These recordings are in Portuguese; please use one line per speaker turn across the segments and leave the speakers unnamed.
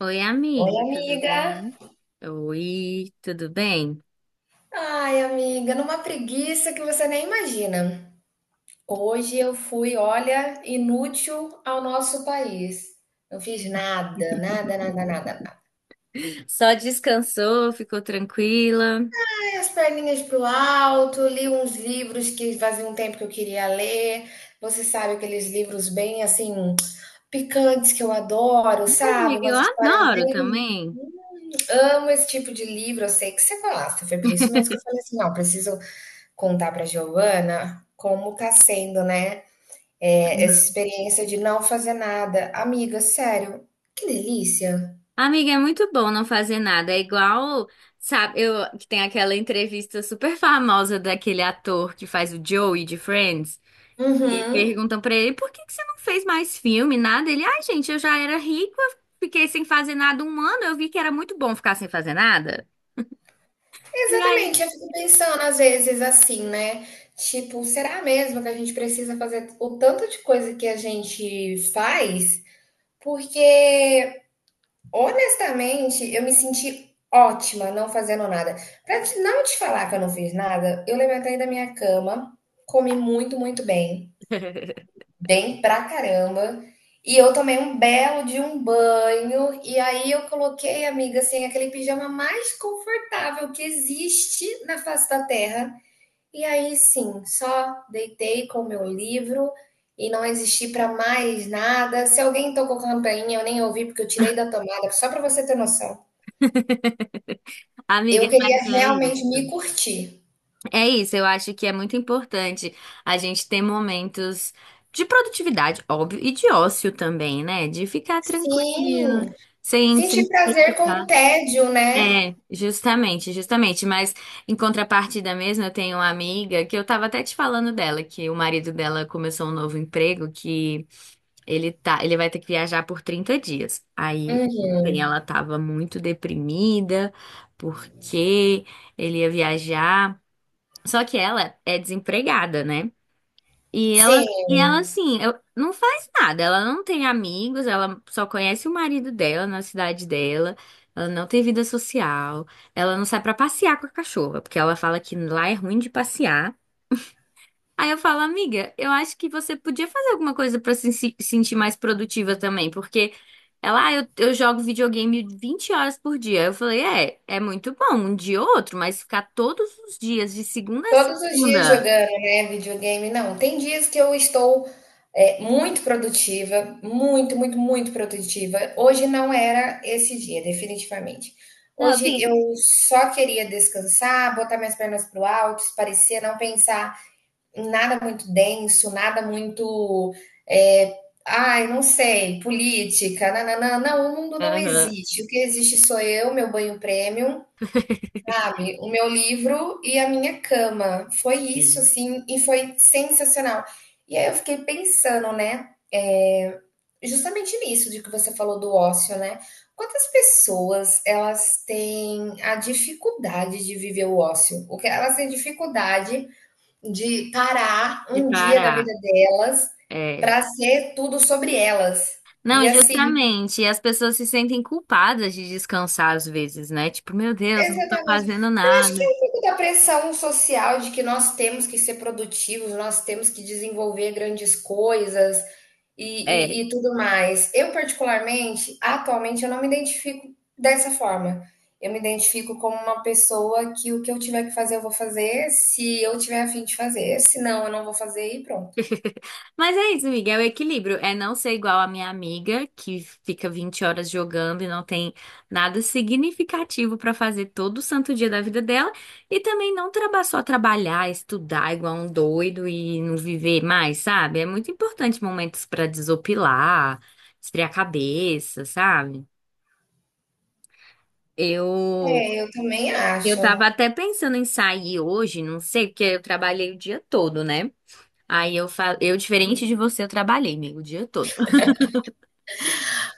Oi,
Oi,
amiga, tudo
amiga.
bem? Oi, tudo bem?
Ai, amiga, numa preguiça que você nem imagina. Hoje eu fui, olha, inútil ao nosso país. Não fiz nada, nada, nada, nada, nada.
Só descansou, ficou tranquila? Ai,
Dei as perninhas pro alto, li uns livros que fazia um tempo que eu queria ler. Você sabe aqueles livros bem assim picantes que eu adoro, sabe?
amiga, eu
Umas histórias
adoro
bem.
também.
Amo esse tipo de livro, eu sei que você gosta. Foi por isso mesmo que eu falei assim: não, preciso contar para a Giovana como tá sendo, né, essa
Uhum.
experiência de não fazer nada. Amiga, sério, que delícia.
Amiga, é muito bom não fazer nada. É igual, sabe, eu que tem aquela entrevista super famosa daquele ator que faz o Joey de Friends. E
Uhum.
perguntam pra ele, por que que você não fez mais filme, nada? Ele, ai, gente, eu já era rico, eu fiquei sem fazer nada um ano, eu vi que era muito bom ficar sem fazer nada. E aí
Exatamente, eu fico pensando às vezes assim, né? Tipo, será mesmo que a gente precisa fazer o tanto de coisa que a gente faz? Porque, honestamente, eu me senti ótima não fazendo nada. Não te falar que eu não fiz nada, eu levantei da minha cama, comi muito, muito bem. Bem pra caramba. E eu tomei um belo de um banho, e aí eu coloquei, amiga, assim, aquele pijama mais confortável que existe na face da Terra. E aí sim, só deitei com o meu livro e não existi pra mais nada. Se alguém tocou campainha, eu nem ouvi porque eu tirei da tomada, só pra você ter noção.
Amiga,
Eu
mas
queria
é
realmente
isso.
me curtir.
É isso, eu acho que é muito importante a gente ter momentos de produtividade, óbvio, e de ócio também, né? De ficar tranquila,
Sim,
sem
sentir
se
prazer com
preocupar.
o tédio, né?
É, justamente, justamente. Mas em contrapartida mesmo, eu tenho uma amiga que eu tava até te falando dela, que o marido dela começou um novo emprego que ele tá, ele vai ter que viajar por 30 dias. Aí ontem
Uhum.
ela tava muito deprimida porque ele ia viajar. Só que ela é desempregada, né? E ela,
Sim.
e ela assim, não faz nada. Ela não tem amigos, ela só conhece o marido dela na cidade dela. Ela não tem vida social. Ela não sai pra passear com a cachorra, porque ela fala que lá é ruim de passear. Aí eu falo, amiga, eu acho que você podia fazer alguma coisa pra se sentir mais produtiva também, porque ela, ah, eu jogo videogame 20 horas por dia. Eu falei, é, é muito bom, um dia ou outro, mas ficar todos os dias, de segunda a
Todos os dias
segunda.
jogando, né, videogame, não. Tem dias que eu estou, muito produtiva, muito, muito, muito produtiva. Hoje não era esse dia, definitivamente.
Não,
Hoje
assim.
eu só queria descansar, botar minhas pernas pro alto, espairecer, não pensar em nada muito denso, nada muito, eh, ai, não sei, política, não, o mundo não
Aham.
existe. O que existe sou eu, meu banho premium. Sabe, o meu livro e a minha cama. Foi isso,
Sim.
assim, e foi sensacional. E aí eu fiquei pensando, né, justamente nisso de que você falou do ócio, né. Quantas pessoas elas têm a dificuldade de viver o ócio? O que elas têm dificuldade de parar
De
um dia da vida
parar.
delas
É.
para ser tudo sobre elas.
Não,
E assim.
justamente. E as pessoas se sentem culpadas de descansar às vezes, né? Tipo, meu Deus, não tô
Exatamente.
fazendo
Eu acho que é
nada.
um pouco da pressão social de que nós temos que ser produtivos, nós temos que desenvolver grandes coisas e,
É.
e, e tudo mais. Eu, particularmente, atualmente, eu não me identifico dessa forma. Eu me identifico como uma pessoa que o que eu tiver que fazer, eu vou fazer, se eu tiver a fim de fazer, se não, eu não vou fazer e pronto.
Mas é isso, amiga, é o equilíbrio. É não ser igual a minha amiga, que fica 20 horas jogando e não tem nada significativo pra fazer todo santo dia da vida dela. E também não traba- só trabalhar, estudar igual um doido e não viver mais, sabe? É muito importante momentos pra desopilar, esfriar a cabeça, sabe? Eu
É, eu também
eu
acho.
tava até pensando em sair hoje, não sei, porque eu trabalhei o dia todo, né? Aí eu diferente de você, eu trabalhei, amigo, o dia todo.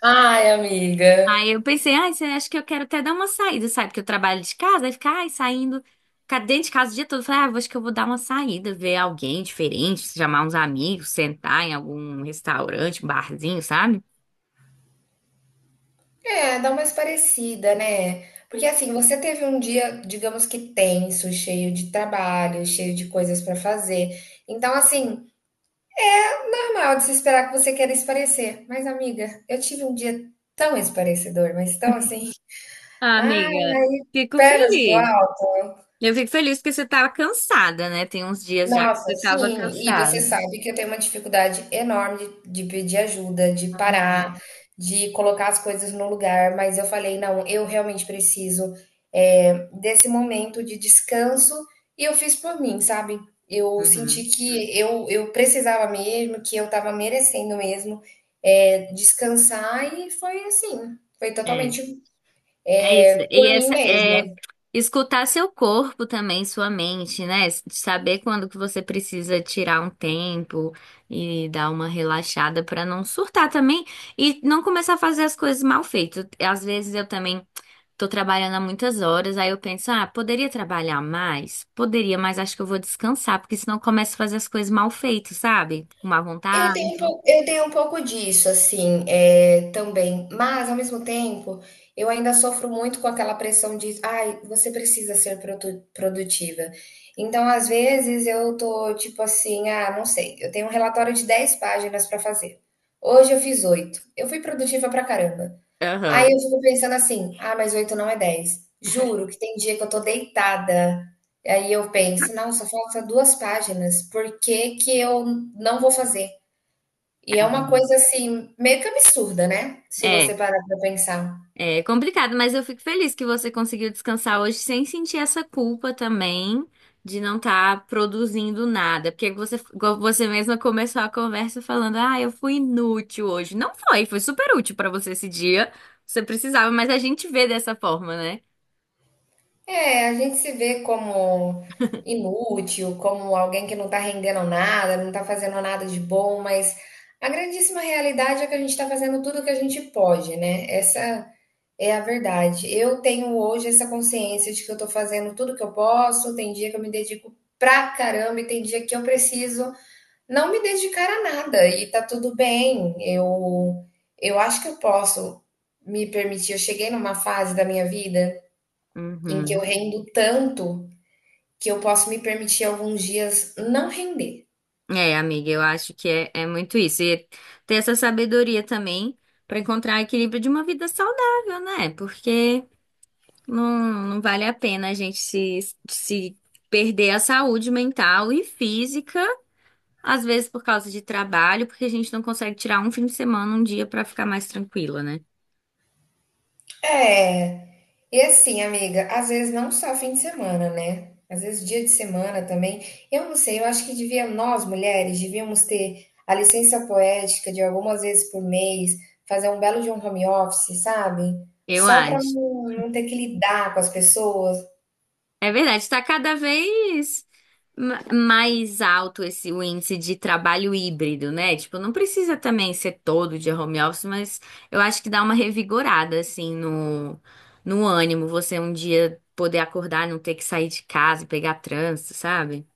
Ai, amiga.
Aí eu pensei, ai, você acha que eu quero até dar uma saída, sabe? Porque eu trabalho de casa, aí ficar, ai, saindo, ficar dentro de casa o dia todo. Eu falei, ah, eu acho que eu vou dar uma saída, ver alguém diferente, chamar uns amigos, sentar em algum restaurante, um barzinho, sabe?
É, dá uma esparecida, né? Porque assim, você teve um dia, digamos que tenso, cheio de trabalho, cheio de coisas pra fazer. Então, assim, normal de se esperar que você queira esparecer. Mas, amiga, eu tive um dia tão esparecedor, mas tão assim,
Ah,
ah,
amiga, fico
pernas pro
feliz.
ar.
Eu fico feliz porque você tava cansada, né? Tem uns dias já que
Nossa,
você tava
sim, e você
cansada.
sabe que eu tenho uma dificuldade enorme de pedir ajuda, de parar, de colocar as coisas no lugar, mas eu falei: "Não, eu realmente preciso, eh, desse momento de descanso", e eu fiz por mim, sabe. Eu senti
Uhum.
que eu precisava mesmo, que eu estava merecendo mesmo, descansar, e foi assim, foi
É,
totalmente
é isso. E
por mim
essa é
mesmo.
escutar seu corpo também, sua mente, né? Saber quando que você precisa tirar um tempo e dar uma relaxada pra não surtar também e não começar a fazer as coisas mal feitas. Às vezes eu também tô trabalhando há muitas horas, aí eu penso, ah, poderia trabalhar mais? Poderia, mas acho que eu vou descansar, porque senão eu começo a fazer as coisas mal feitas, sabe? Com má vontade.
Eu tenho um pouco disso, assim, é, também. Mas, ao mesmo tempo, eu ainda sofro muito com aquela pressão de, ai, você precisa ser produtiva. Então, às vezes, eu tô tipo assim, ah, não sei, eu tenho um relatório de 10 páginas para fazer. Hoje eu fiz 8, eu fui produtiva pra caramba. Aí eu
Aham.
fico pensando assim, ah, mas 8 não é 10. Juro que tem dia que eu tô deitada. Aí eu penso, não, só falta 2 páginas. Por que que eu não vou fazer? E é uma coisa, assim, meio que absurda, né, se você
É.
parar para pensar.
É complicado, mas eu fico feliz que você conseguiu descansar hoje sem sentir essa culpa também de não estar produzindo nada. Porque você, igual você mesma começou a conversa falando: ah, eu fui inútil hoje. Não foi, foi super útil pra você esse dia. Você precisava, mas a gente vê dessa forma, né?
É, a gente se vê como inútil, como alguém que não tá rendendo nada, não tá fazendo nada de bom, mas a grandíssima realidade é que a gente tá fazendo tudo o que a gente pode, né, essa é a verdade. Eu tenho hoje essa consciência de que eu tô fazendo tudo que eu posso, tem dia que eu me dedico pra caramba e tem dia que eu preciso não me dedicar a nada e tá tudo bem. Eu acho que eu posso me permitir. Eu cheguei numa fase da minha vida em que eu
Uhum.
rendo tanto que eu posso me permitir alguns dias não render.
É, amiga, eu acho que é, é muito isso. E ter essa sabedoria também pra encontrar equilíbrio de uma vida saudável, né? Porque não, não vale a pena a gente se perder a saúde mental e física, às vezes por causa de trabalho, porque a gente não consegue tirar um fim de semana, um dia pra ficar mais tranquila, né?
É. E assim, amiga, às vezes não só fim de semana, né? Às vezes dia de semana também. Eu não sei, eu acho que devia, nós mulheres, devíamos ter a licença poética de algumas vezes por mês, fazer um belo de um home office, sabe?
Eu
Só para
acho.
não ter que lidar com as pessoas.
É verdade, está cada vez mais alto esse o índice de trabalho híbrido, né? Tipo, não precisa também ser todo dia home office, mas eu acho que dá uma revigorada assim no ânimo, você um dia poder acordar, não ter que sair de casa e pegar trânsito, sabe?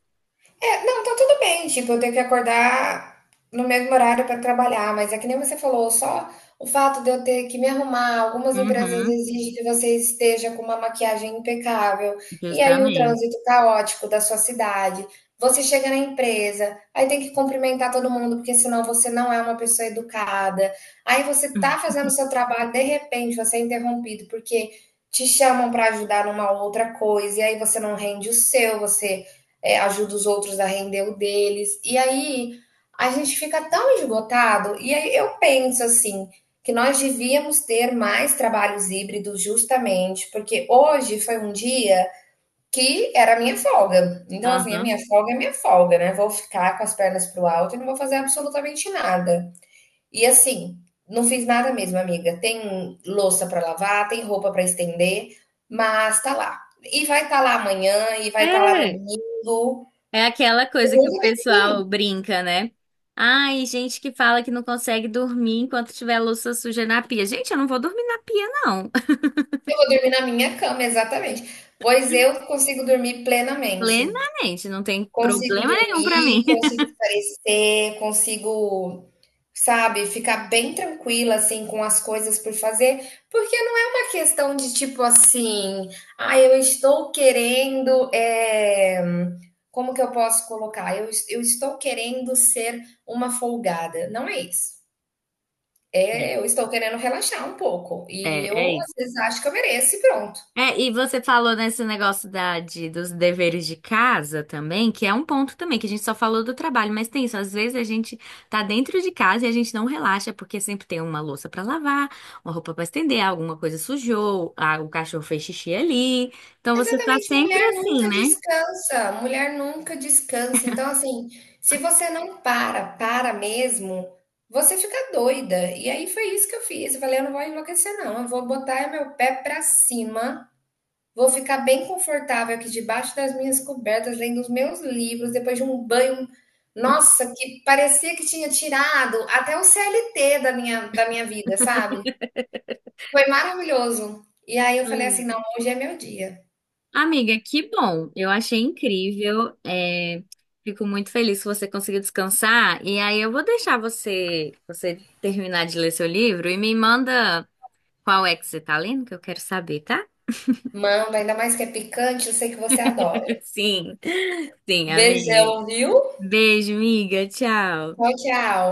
É, não, tá tudo bem, tipo, eu tenho que acordar no mesmo horário para trabalhar, mas é que nem você falou, só o fato de eu ter que me arrumar, algumas empresas
Uhum,
exigem que você esteja com uma maquiagem impecável, e aí o
justamente.
trânsito caótico da sua cidade. Você chega na empresa, aí tem que cumprimentar todo mundo, porque senão você não é uma pessoa educada. Aí você tá fazendo o seu trabalho, de repente você é interrompido porque te chamam para ajudar numa outra coisa, e aí você não rende o seu, você é, ajuda os outros a render o deles. E aí a gente fica tão esgotado. E aí eu penso assim que nós devíamos ter mais trabalhos híbridos justamente porque hoje foi um dia que era a minha folga. Então, assim, a
Aham.
minha folga é minha folga, né? Vou ficar com as pernas pro alto e não vou fazer absolutamente nada. E assim, não fiz nada mesmo, amiga. Tem louça para lavar, tem roupa para estender, mas tá lá. E vai estar tá lá amanhã, e vai estar tá lá no
É,
domingo.
é aquela coisa que o
Nunca tem fim.
pessoal brinca, né? Ai, gente que fala que não consegue dormir enquanto tiver louça suja na pia. Gente, eu não vou dormir na pia, não.
Eu vou dormir na minha cama, exatamente. Pois eu consigo dormir plenamente.
Plenamente, não tem
Consigo
problema nenhum pra
dormir,
mim.
consigo espairecer, consigo, sabe, ficar bem tranquila, assim, com as coisas por fazer, porque não é uma questão de tipo assim, ah, eu estou querendo, como que eu posso colocar? Eu estou querendo ser uma folgada. Não é isso. É, eu estou querendo relaxar um pouco. E
É,
eu,
é
às
isso.
vezes, acho que eu mereço e pronto.
É, e você falou nesse negócio da, dos deveres de casa também, que é um ponto também, que a gente só falou do trabalho, mas tem isso, às vezes a gente tá dentro de casa e a gente não relaxa, porque sempre tem uma louça pra lavar, uma roupa pra estender, alguma coisa sujou, ah, o cachorro fez xixi ali. Então você tá
Exatamente,
sempre
mulher
assim,
nunca
né?
descansa, mulher nunca descansa. Então, assim, se você não para, para mesmo, você fica doida. E aí foi isso que eu fiz. Eu falei, eu não vou enlouquecer, não. Eu vou botar meu pé pra cima, vou ficar bem confortável aqui debaixo das minhas cobertas, lendo os meus livros, depois de um banho, nossa, que parecia que tinha tirado até o CLT da minha vida, sabe? Foi maravilhoso. E aí eu falei assim,
Ai,
não, hoje é meu dia.
amiga, que bom. Eu achei incrível. É, fico muito feliz que você conseguiu descansar. E aí eu vou deixar você terminar de ler seu livro e me manda. Qual é que você tá lendo, que eu quero saber, tá?
Manda, ainda mais que é picante, eu sei que você adora.
Sim, sim, amiga.
Beijão, viu?
Beijo, amiga.
Tchau,
Tchau.
tchau.